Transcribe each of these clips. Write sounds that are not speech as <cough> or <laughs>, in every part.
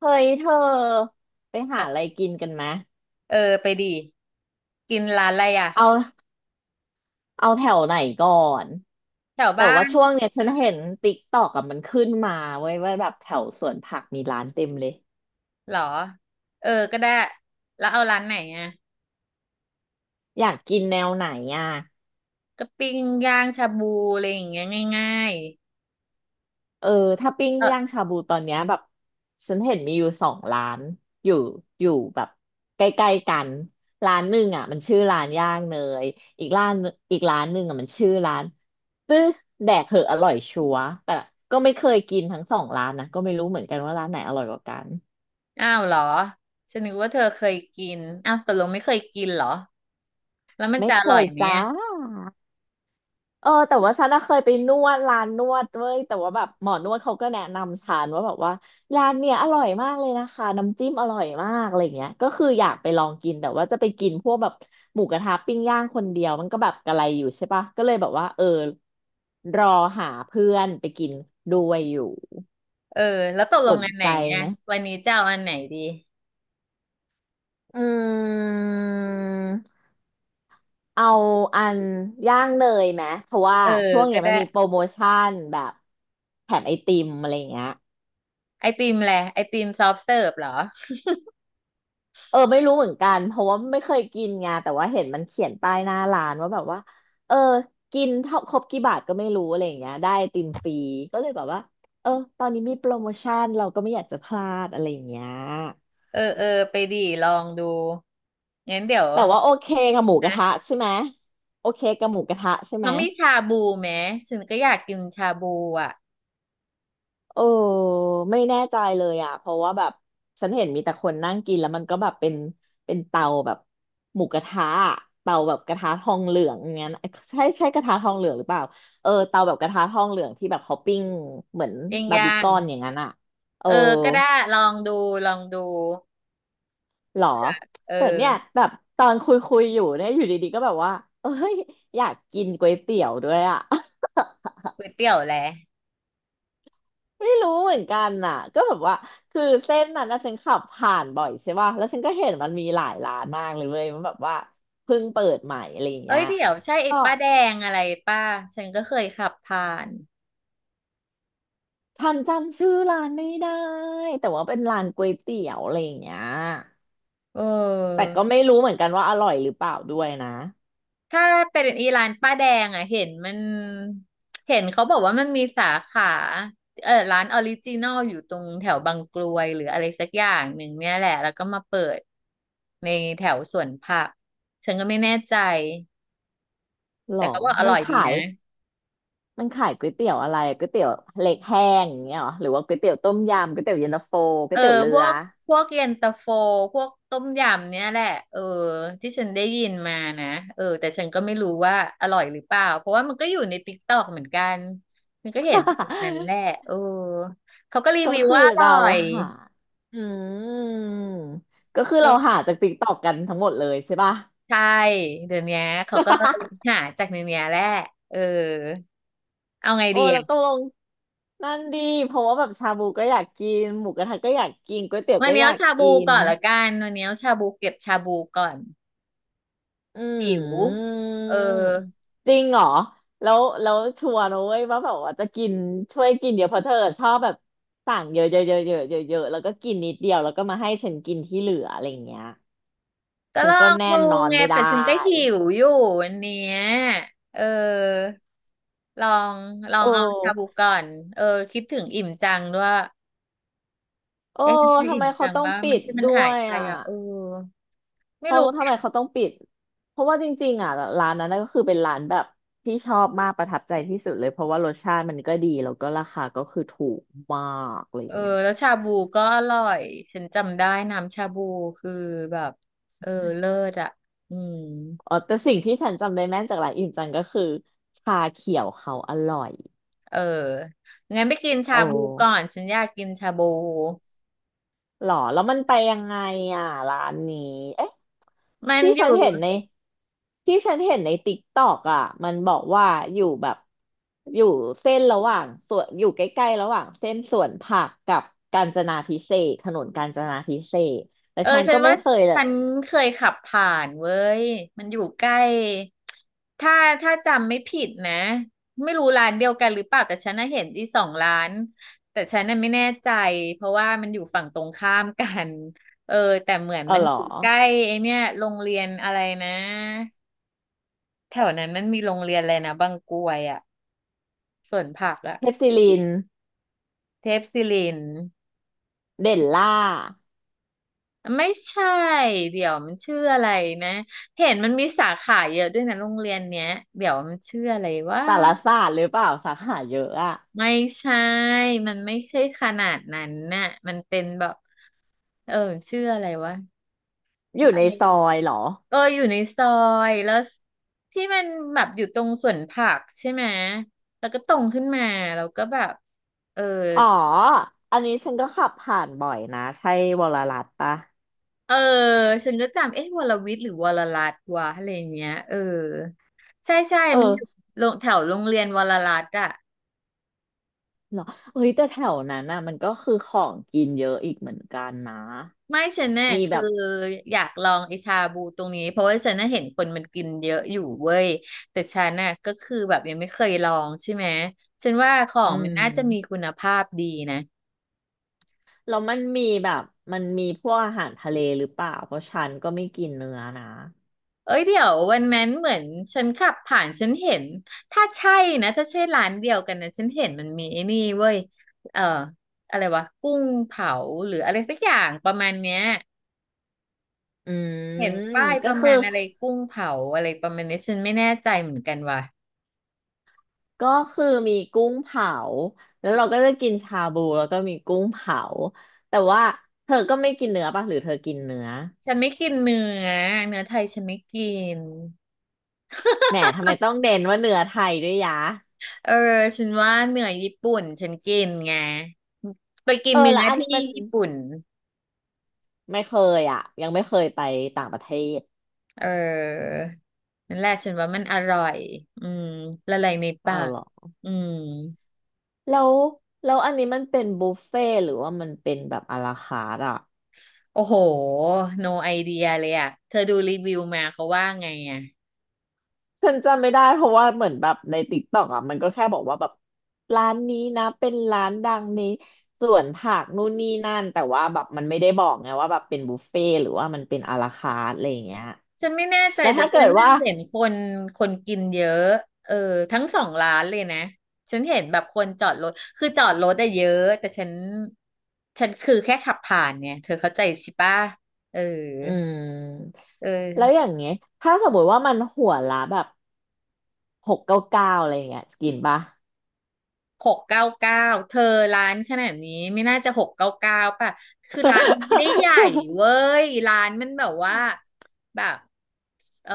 เฮ้ยเธอไปเอหาออะไรกินกันไหมเออไปดีกินร้านอะไรอ่ะเอาเอาแถวไหนก่อนแถวแต่บ้าว่าช่วนงเนี้ยฉันเห็นติ๊กตอกกับมันขึ้นมาเว้ยว่าแบบแถวสวนผักมีร้านเต็มเลยเหรอเออก็ได้แล้วเอาร้านไหนอ่ะอยากกินแนวไหนอ่ะ ก็ปิ้งย่างชาบูอะไรอย่างเงี้ยง่ายเออถ้าปิ้งๆเออย่างชาบูตอนเนี้ยแบบฉันเห็นมีอยู่สองร้านอยู่อยู่แบบใกล้ๆกันร้านหนึ่งอ่ะมันชื่อร้านย่างเนยอีกร้านอีกร้านหนึ่งอ่ะมันชื่อร้านตื้อแดกเหอะอร่อยชัวร์แต่ก็ไม่เคยกินทั้งสองร้านนะก็ไม่รู้เหมือนกันว่าร้านไหนอร่อยกว่ากันอ้าวเหรอฉันนึกว่าเธอเคยกินอ้าวตกลงไม่เคยกินเหรอแล้วมันไม่จะอเคร่อยยไหมจ้า อะเออแต่ว่าฉันน่ะเคยไปนวดร้านนวดเว้ยแต่ว่าแบบหมอนวดเขาก็แนะนำฉันว่าแบบว่าร้านเนี่ยอร่อยมากเลยนะคะน้ำจิ้มอร่อยมากอะไรเงี้ยก็คืออยากไปลองกินแต่ว่าจะไปกินพวกแบบหมูกระทะปิ้งย่างคนเดียวมันก็แบบกระไรอยู่ใช่ปะก็เลยแบบว่าเออรอหาเพื่อนไปกินด้วยอยู่เออแล้วตกลสงนอันไหนใจอ่ะไหมวันนี้จะเอาอันไหนดีอืมเอาอันย่างเนยไหมเพราะว่าเออช่วงก็เนี้ยมัได้นมีโปรโมชั่นแบบแถมไอติมอะไรเงี้ย ไอติมแหละไอติมซอฟต์เสิร์ฟเหรอเออไม่รู้เหมือนกันเพราะว่าไม่เคยกินไงแต่ว่าเห็นมันเขียนป้ายหน้าร้านว่าแบบว่าเออกินเท่าครบกี่บาทก็ไม่รู้อะไรอย่างเงี้ยได้ไอติมฟรีก็เลยแบบว่าเออตอนนี้มีโปรโมชั่นเราก็ไม่อยากจะพลาดอะไรอย่างเงี้ยเออไปดีลองดูงั้นเดี๋ยวแต่ว่าโอเคกับหมูกระนะ ทะใช่ไหมโอเคกับหมูกระทะใช่ไหม เขามีชาบูไหมฉันก็อยากกินชาบูอ่ะเออไม่แน่ใจเลยอ่ะเพราะว่าแบบฉันเห็นมีแต่คนนั่งกินแล้วมันก็แบบเป็นเตาแบบหมูกระทะอะเตาแบบกระทะทองเหลืองอย่างเงี้ยนะใช่ใช่กระทะทองเหลืองหรือเปล่าเออเตาแบบกระทะทองเหลืองที่แบบเขาปิ้งเหมือนย่างบาร์บีย่าคงอนอย่างนั้นอ่ะเออเออก็ได้ลองดูลองดูหรอเอแต่เนี่ยอแบบตอนคุยคุยอยู่เนี่ยอยู่ดีๆก็แบบว่าเอ้ยอยากกินก๋วยเตี๋ยวด้วยอ่ะ ก๋วยเตี๋ยวแหละไม่รู้เหมือนกันน่ะก็แบบว่าคือเส้นนั้นนะฉันขับผ่านบ่อยใช่ป่ะแล้วฉันก็เห็นมันมีหลายร้านมากเลยเว้ยมันแบบว่าเพิ่งเปิดใหม่อะไรอย่างเอ้เงี้ยยเดี๋ยวใช่ไอ้ก็ป้าแดงอะไรป้าฉันก็เคยขับผ่านฉันจำชื่อร้านไม่ได้แต่ว่าเป็นร้านก๋วยเตี๋ยวอะไรอย่างเงี้ยเอแต่อก็ไม่รู้เหมือนกันว่าอร่อยหรือเปล่าด้วยนะถ้าเป็นอีร้านป้าแดงอ่ะเห็นมันเห็นเขาบอกว่ามันมีสาขาเออร้านออริจินอลอยู่ตรงแถวบางกรวยหรืออะไรสักอย่างหนึ่งเนี่ยแหละแล้วก็มาเปิดในแถวสวนผักฉันก็ไม่แน่ใจ หรแต่อเขาบอกอมัร่นอยดีขายนะมันขายก๋วยเตี๋ยวอะไรก๋วยเตี๋ยวเล็กแห้งอย่างเงี้ยหรอหรือว่าก๋วยเตี๋ยวต้มยำก๋วยเตี๋ยวเย็นตาโฟก๋เอวอยเตี๋ยวเรืพวอ กพวกเย็นตาโฟพวกต้มยำเนี่ยแหละเออที่ฉันได้ยินมานะเออแต่ฉันก็ไม่รู้ว่าอร่อยหรือเปล่าเพราะว่ามันก็อยู่ในติ๊กต็อกเหมือนกันมันก็เห็นจากนั้นแหละ <laughs> เออเขาก็รีก็วิวคือว่าอร่เราอยหาอืมก็คือเอเราอหาจากติ๊กตอกกันทั้งหมดเลยใช่ป่ะ ใช่เดี๋ยวเนี้ยเขาก็หา <laughs> จากในเนี้ยแหละเออเอาไงโอ้ดีอะเราตกลงนั่นดีเพราะว่าแบบชาบูก็อยากกินหมูกระทะก็อยากกินก๋วยเตี๋ยววันก็นี้อยาเอากชาบูกินก่อนละกันวันนี้เอาชาบูเก็บชาบูก่อนอืหิวมเออ จริงเหรอแล้วชัวร์นะเว้ยว่าแบบว่าจะกินช่วยกินเดี๋ยวเพราะเธอชอบแบบสั่งเยอะเยอะเยอะเยอะเยอะเยอะแล้วก็กินนิดเดียวแล้วก็มาให้ฉันกินที่เหลืออะไรอย่างเงี้ยก็ฉัลนอก็งแน่ดูนนอนไงไม่ได้แต่ฉันก็หิวอยู่วันเนี้ยเออลองลอโองเอาชาบู้ ก่อนเออคิดถึงอิ่มจังด้วยเออเอ๊ะมันคือทำอิ่ไมมเขาจังต้องป่ะปิมันดที่มันด้หาวยยไปอ่ะอ่ะเออไม่เขารู้ทำไมเขาต้องปิดเพราะว่าจริงๆอ่ะร้านนั้นน่ะก็คือเป็นร้านแบบที่ชอบมากประทับใจที่สุดเลยเพราะว่ารสชาติมันก็ดีแล้วก็ราคาก็คือถูกมากอะไรเออเงี้ยแล้วชาบูก็อร่อยฉันจำได้น้ำชาบูคือแบบเออเลิศอ่ะอืมอ๋อแต่สิ่งที่ฉันจำได้แม่นจากร้านอิ่มจังก็คือชาเขียวเขาอร่อยเอองั้นไปกินโอชาบูก่อ้ นฉันอยากกินชาบูหรอแล้วมันไปยังไงอ่ะร้านนี้เอ๊ะมันที่อฉัยู่ นเห็นในที่ฉันเห็นในติ๊กตอกอ่ะมันบอกว่าอยู่แบบอยู่เส้นระหว่างส่วนอยู่ใกล้ๆระหว่างเส้นสวนผักกับกาญจนาภิเษกถนนกาญจนาภิเษกแต่เออฉันฉัก็นไม่ว่าเคยเลยฉันเคยขับผ่านเว้ยมันอยู่ใกล้ถ้าจำไม่ผิดนะไม่รู้ร้านเดียวกันหรือเปล่าแต่ฉันน่ะเห็นที่สองร้านแต่ฉันน่ะไม่แน่ใจเพราะว่ามันอยู่ฝั่งตรงข้ามกันเออแต่เหมือนเออมันหรออยู่ใกล้ไอเนี่ยโรงเรียนอะไรนะแถวนั้นมันมีโรงเรียนอะไรนะบางกรวยอะสวนผักอะเทพศิรินเทพศิริน เด่นล่าไม่ใช่เดี๋ยวมันชื่ออะไรนะเห็นมันมีสาขาเยอะด้วยนะโรงเรียนเนี้ยเดี๋ยวมันชื่ออะไรว่าสารศาสตร์หรือเปล่าสาขาเยอะอ่ะไม่ใช่มันไม่ใช่ขนาดนั้นน่ะมันเป็นแบบเออชื่ออะไรวะอยู่อะในซอไรยเหรอเอออยู่ในซอยแล้วที่มันแบบอยู่ตรงสวนผักใช่ไหมแล้วก็ตรงขึ้นมาแล้วก็แบบเออ อ๋ออันนี้ฉันก็ขับผ่านบ่อยนะใช่วรรัตน์ปะเออฉันก็จำเอ๊ะวรวิทย์หรือวรรัตน์วะอะไรอย่างเงี้ยเออใช่เอมันอยู่อ โรงแถวโรงเรียนวรรัตน์อะเหรอเฮ้ยแต่แถวนั้นน่ะมันก็คือของกินเยอะอีกเหมือนกันนะไม่ฉันเนี่ยมีแบคือบอยากลองไอชาบูตรงนี้เพราะว่าฉันน่ะเห็นคนมันกินเยอะอยู่เว้ยแต่ฉันน่ะก็คือแบบยังไม่เคยลองใช่ไหมฉันว่าขออืงมันน่าจะมีมคุณภาพดีนะ แล้วมันมีแบบมันมีพวกอาหารทะเลหรือเปล่าเพราะฉันก็ไม่กินเนื้อนะเอ้ยเดี๋ยววันนั้นเหมือนฉันขับผ่านฉันเห็นถ้าใช่นะถ้าใช่ร้านเดียวกันนะฉันเห็นมันมีไอ้นี่เว้ยเอ่ออะไรวะกุ้งเผาหรืออะไรสักอย่างประมาณเนี้ยอืเห็นมป้ายปก็ระคือมาณอะไรกุ้งเผาอะไรประมาณนี้ฉันไม่แน่ใจเหมือนกันว่ะก็คือมีกุ้งเผา แล้วเราก็จะกินชาบูแล้วก็มีกุ้งเผา แต่ว่าเธอก็ไม่กินเนื้อป่ะหรือเธอกินเนื้อฉันไม่กินเนื้อเนื้อไทยฉันไม่กินแหมทำไมต้องเด่นว่าเนื้อไทยด้วยยะเออฉันว่าเนื้อญี่ปุ่นฉันกินไงไปกิเอนอเนื้แล้วออันที่นี้มันญี่ปุ่น ไม่เคยอ่ะยังไม่เคยไปต่างประเทศเออนั่นแหละฉันว่ามันอร่อยอืมละลายในปาอาวกเหรอ อืมแล้วแล้วอันนี้มันเป็นบุฟเฟ่ต์หรือว่ามันเป็นแบบอาราคาร์ทอ่ะโอ้โห no idea เลยอ่ะเธอดูรีวิวมาเขาว่าไงอ่ะฉันจำไม่ได้เพราะว่าเหมือนแบบในติ๊กต็อกอ่ะมันก็แค่บอกว่าแบบร้านนี้นะเป็นร้านดังในสวนผักนู่นนี่นั่นแต่ว่าแบบมันไม่ได้บอกไงว่าแบบเป็นบุฟเฟ่ต์หรือว่ามันเป็นอาราคาร์ทอะไรอย่างเงี้ยฉันไม่แน่ใจแล้วแต่ถ้าเกิฉันดน่ะว่าเห็นคนกินเยอะเออทั้งสองร้านเลยนะ ฉันเห็นแบบคนจอดรถคือจอดรถอะเยอะแต่ฉันคือแค่ขับผ่านเนี่ยเธอเข้าใจใช่ปะเอออืมเอแล้วอ อย่างเงี้ยถ้าสมมติว่ามันหัวละแบบ699อะไรอย่างเงี้ยกินปะ หกเก้าเก้าเธอร้านขนาดนี้ไม่น่าจะหกเก้าเก้าป่ะคือร้านมันไม่ได้ใหญ่เว้ยร้านมันแบบว่า <laughs> แบบเออ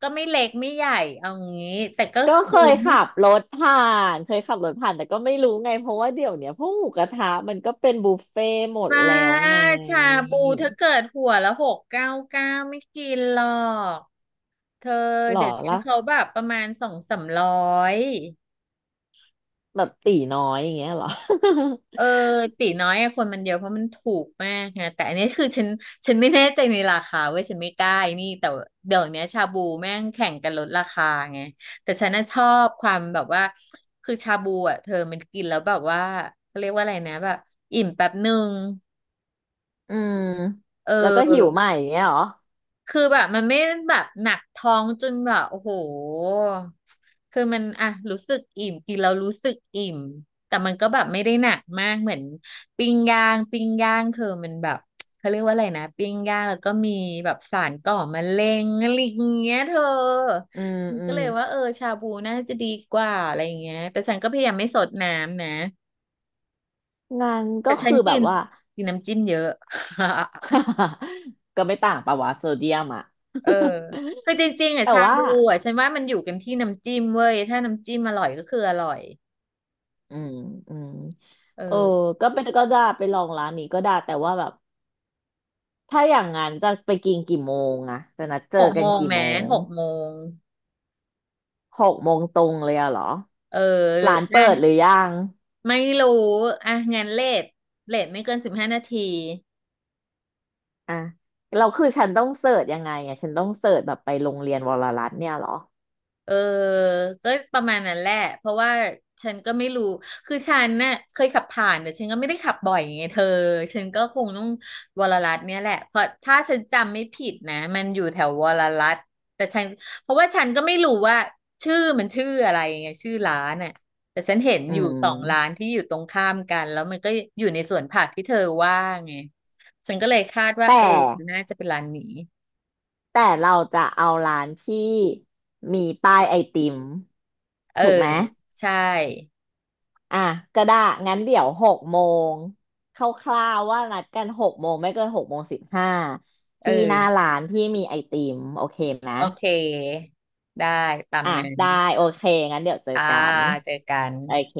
ก็ไม่เล็กไม่ใหญ่เอางี้แต่ก็ก็คือเคยไม่ขับรถผ่านเคยขับรถผ่านแต่ก็ไม่รู้ไงเพราะว่าเดี๋ยวเนี้ยพวกหมูกระทะมันก็เป็นบุฟเฟ่ต์หมดมาแล้วไงชาบูถ้าเกิดหัวละหกเก้าเก้าไม่กินหรอกเธอหรอเดี๋ยวนี้ล่ะเขาแบบประมาณ200-300 แบบตีน้อยอย่างเงี้ยหรอ เออตีน้อยอะคนมันเยอะเพราะมันถูกมากไงแต่อันนี้คือฉันไม่แน่ใจในราคาเว้ยฉันไม่กล้าไอ้นี่แต่เดี๋ยวเนี้ยชาบูแม่งแข่งกันลดราคาไงแต่ฉันน่ะชอบความแบบว่าคือชาบูอ่ะเธอมันกินแล้วแบบว่าเขาเรียกว่าอะไรนะแบบอิ่มแป๊บหนึ่ง <laughs> อืมเแล้วก็หิวออ ใหม่อย่างเงี้ยหรอคือแบบมันไม่แบบหนักท้องจนแบบโอ้โหคือมันอ่ะรู้สึกอิ่มกินแล้วรู้สึกอิ่มแต่มันก็แบบไม่ได้หนักมากเหมือนปิ้งย่างปิ้งย่างเธอมันแบบเขาเรียกว่าอะไรนะปิ้งย่างแล้วก็มีแบบสารก่อมะเร็งอะไรอย่างเงี้ยเธออืมฉันอืก็มเลยว่าเออชาบูน่าจะดีกว่าอะไรอย่างเงี้ยแต่ฉันก็พยายามไม่สดน้ำนะงานก็แต่ฉันคือแบกิบนว่า กินน้ำจิ้มเยอะ <laughs> <laughs> ก็ไม่ต่างปะวะโซเดียมอ่ะ เออคือจริงๆ <laughs> อ่ะแต่ชาว่าบูอ่ะฉันว่ามันอยู่กันที่น้ำจิ้มเว้ยถ้าน้ำจิ้มอร่อยก็คืออร่อยอืมอืมเอเอออก็เป็นก็ได้ไปลองร้านนี้ก็ได้แต่ว่าแบบ ถ้าอย่างนั้นจะไปกินกี่โมงอะจะนัดเจหอกกัโมนงกี่โมแม้งหกโมงหกโมงตรงเลยอะเหรอเออหรือร้านอ่ะเปิดหรือยังไม่รู้อ่ะงั้นเลทเลทไม่เกิน15 นาที อ่ะเราคือฉันต้องเสิร์ชยังไงอะฉันต้องเสิร์ชแบบไปโรงเรียนวรรัตน์เนี่ยเหรอเออก็ประมาณนั้นแหละเพราะว่าฉันก็ไม่รู้ คือฉันน่ะเคยขับผ่านแต่ฉันก็ไม่ได้ขับบ่อยไงเธอ ฉันก็คงต้องวรรัตน์เนี่ยแหละเพราะถ้าฉันจำไม่ผิดนะมันอยู่แถววรรัตน์แต่ฉันเพราะว่าฉันก็ไม่รู้ว่าชื่อมันชื่ออะไรไงชื่อร้านน่ะแต่ฉันเห็นอือยู่สองร้านมที่อยู่ตรงข้ามกันแล้วมันก็อยู่ในสวนผักที่เธอว่าไงฉันก็เลยคาดว่าแต่เออน่าจะเป็นร้านนี้แต่เราจะเอาร้านที่มีป้ายไอติมเออถูกไหมใช่อ่ะก็ได้งั้นเดี๋ยวหกโมงคร่าวๆว่านัดกันหกโมงไม่เกิน6 โมง 15เออ ที่หน้าร้านที่มีไอติมโอเคนะ โอเค ได้ ตามอ่ะนั้นได้โอเคงั้นเดี๋ยวเจออ่ากันเจอกันโอเค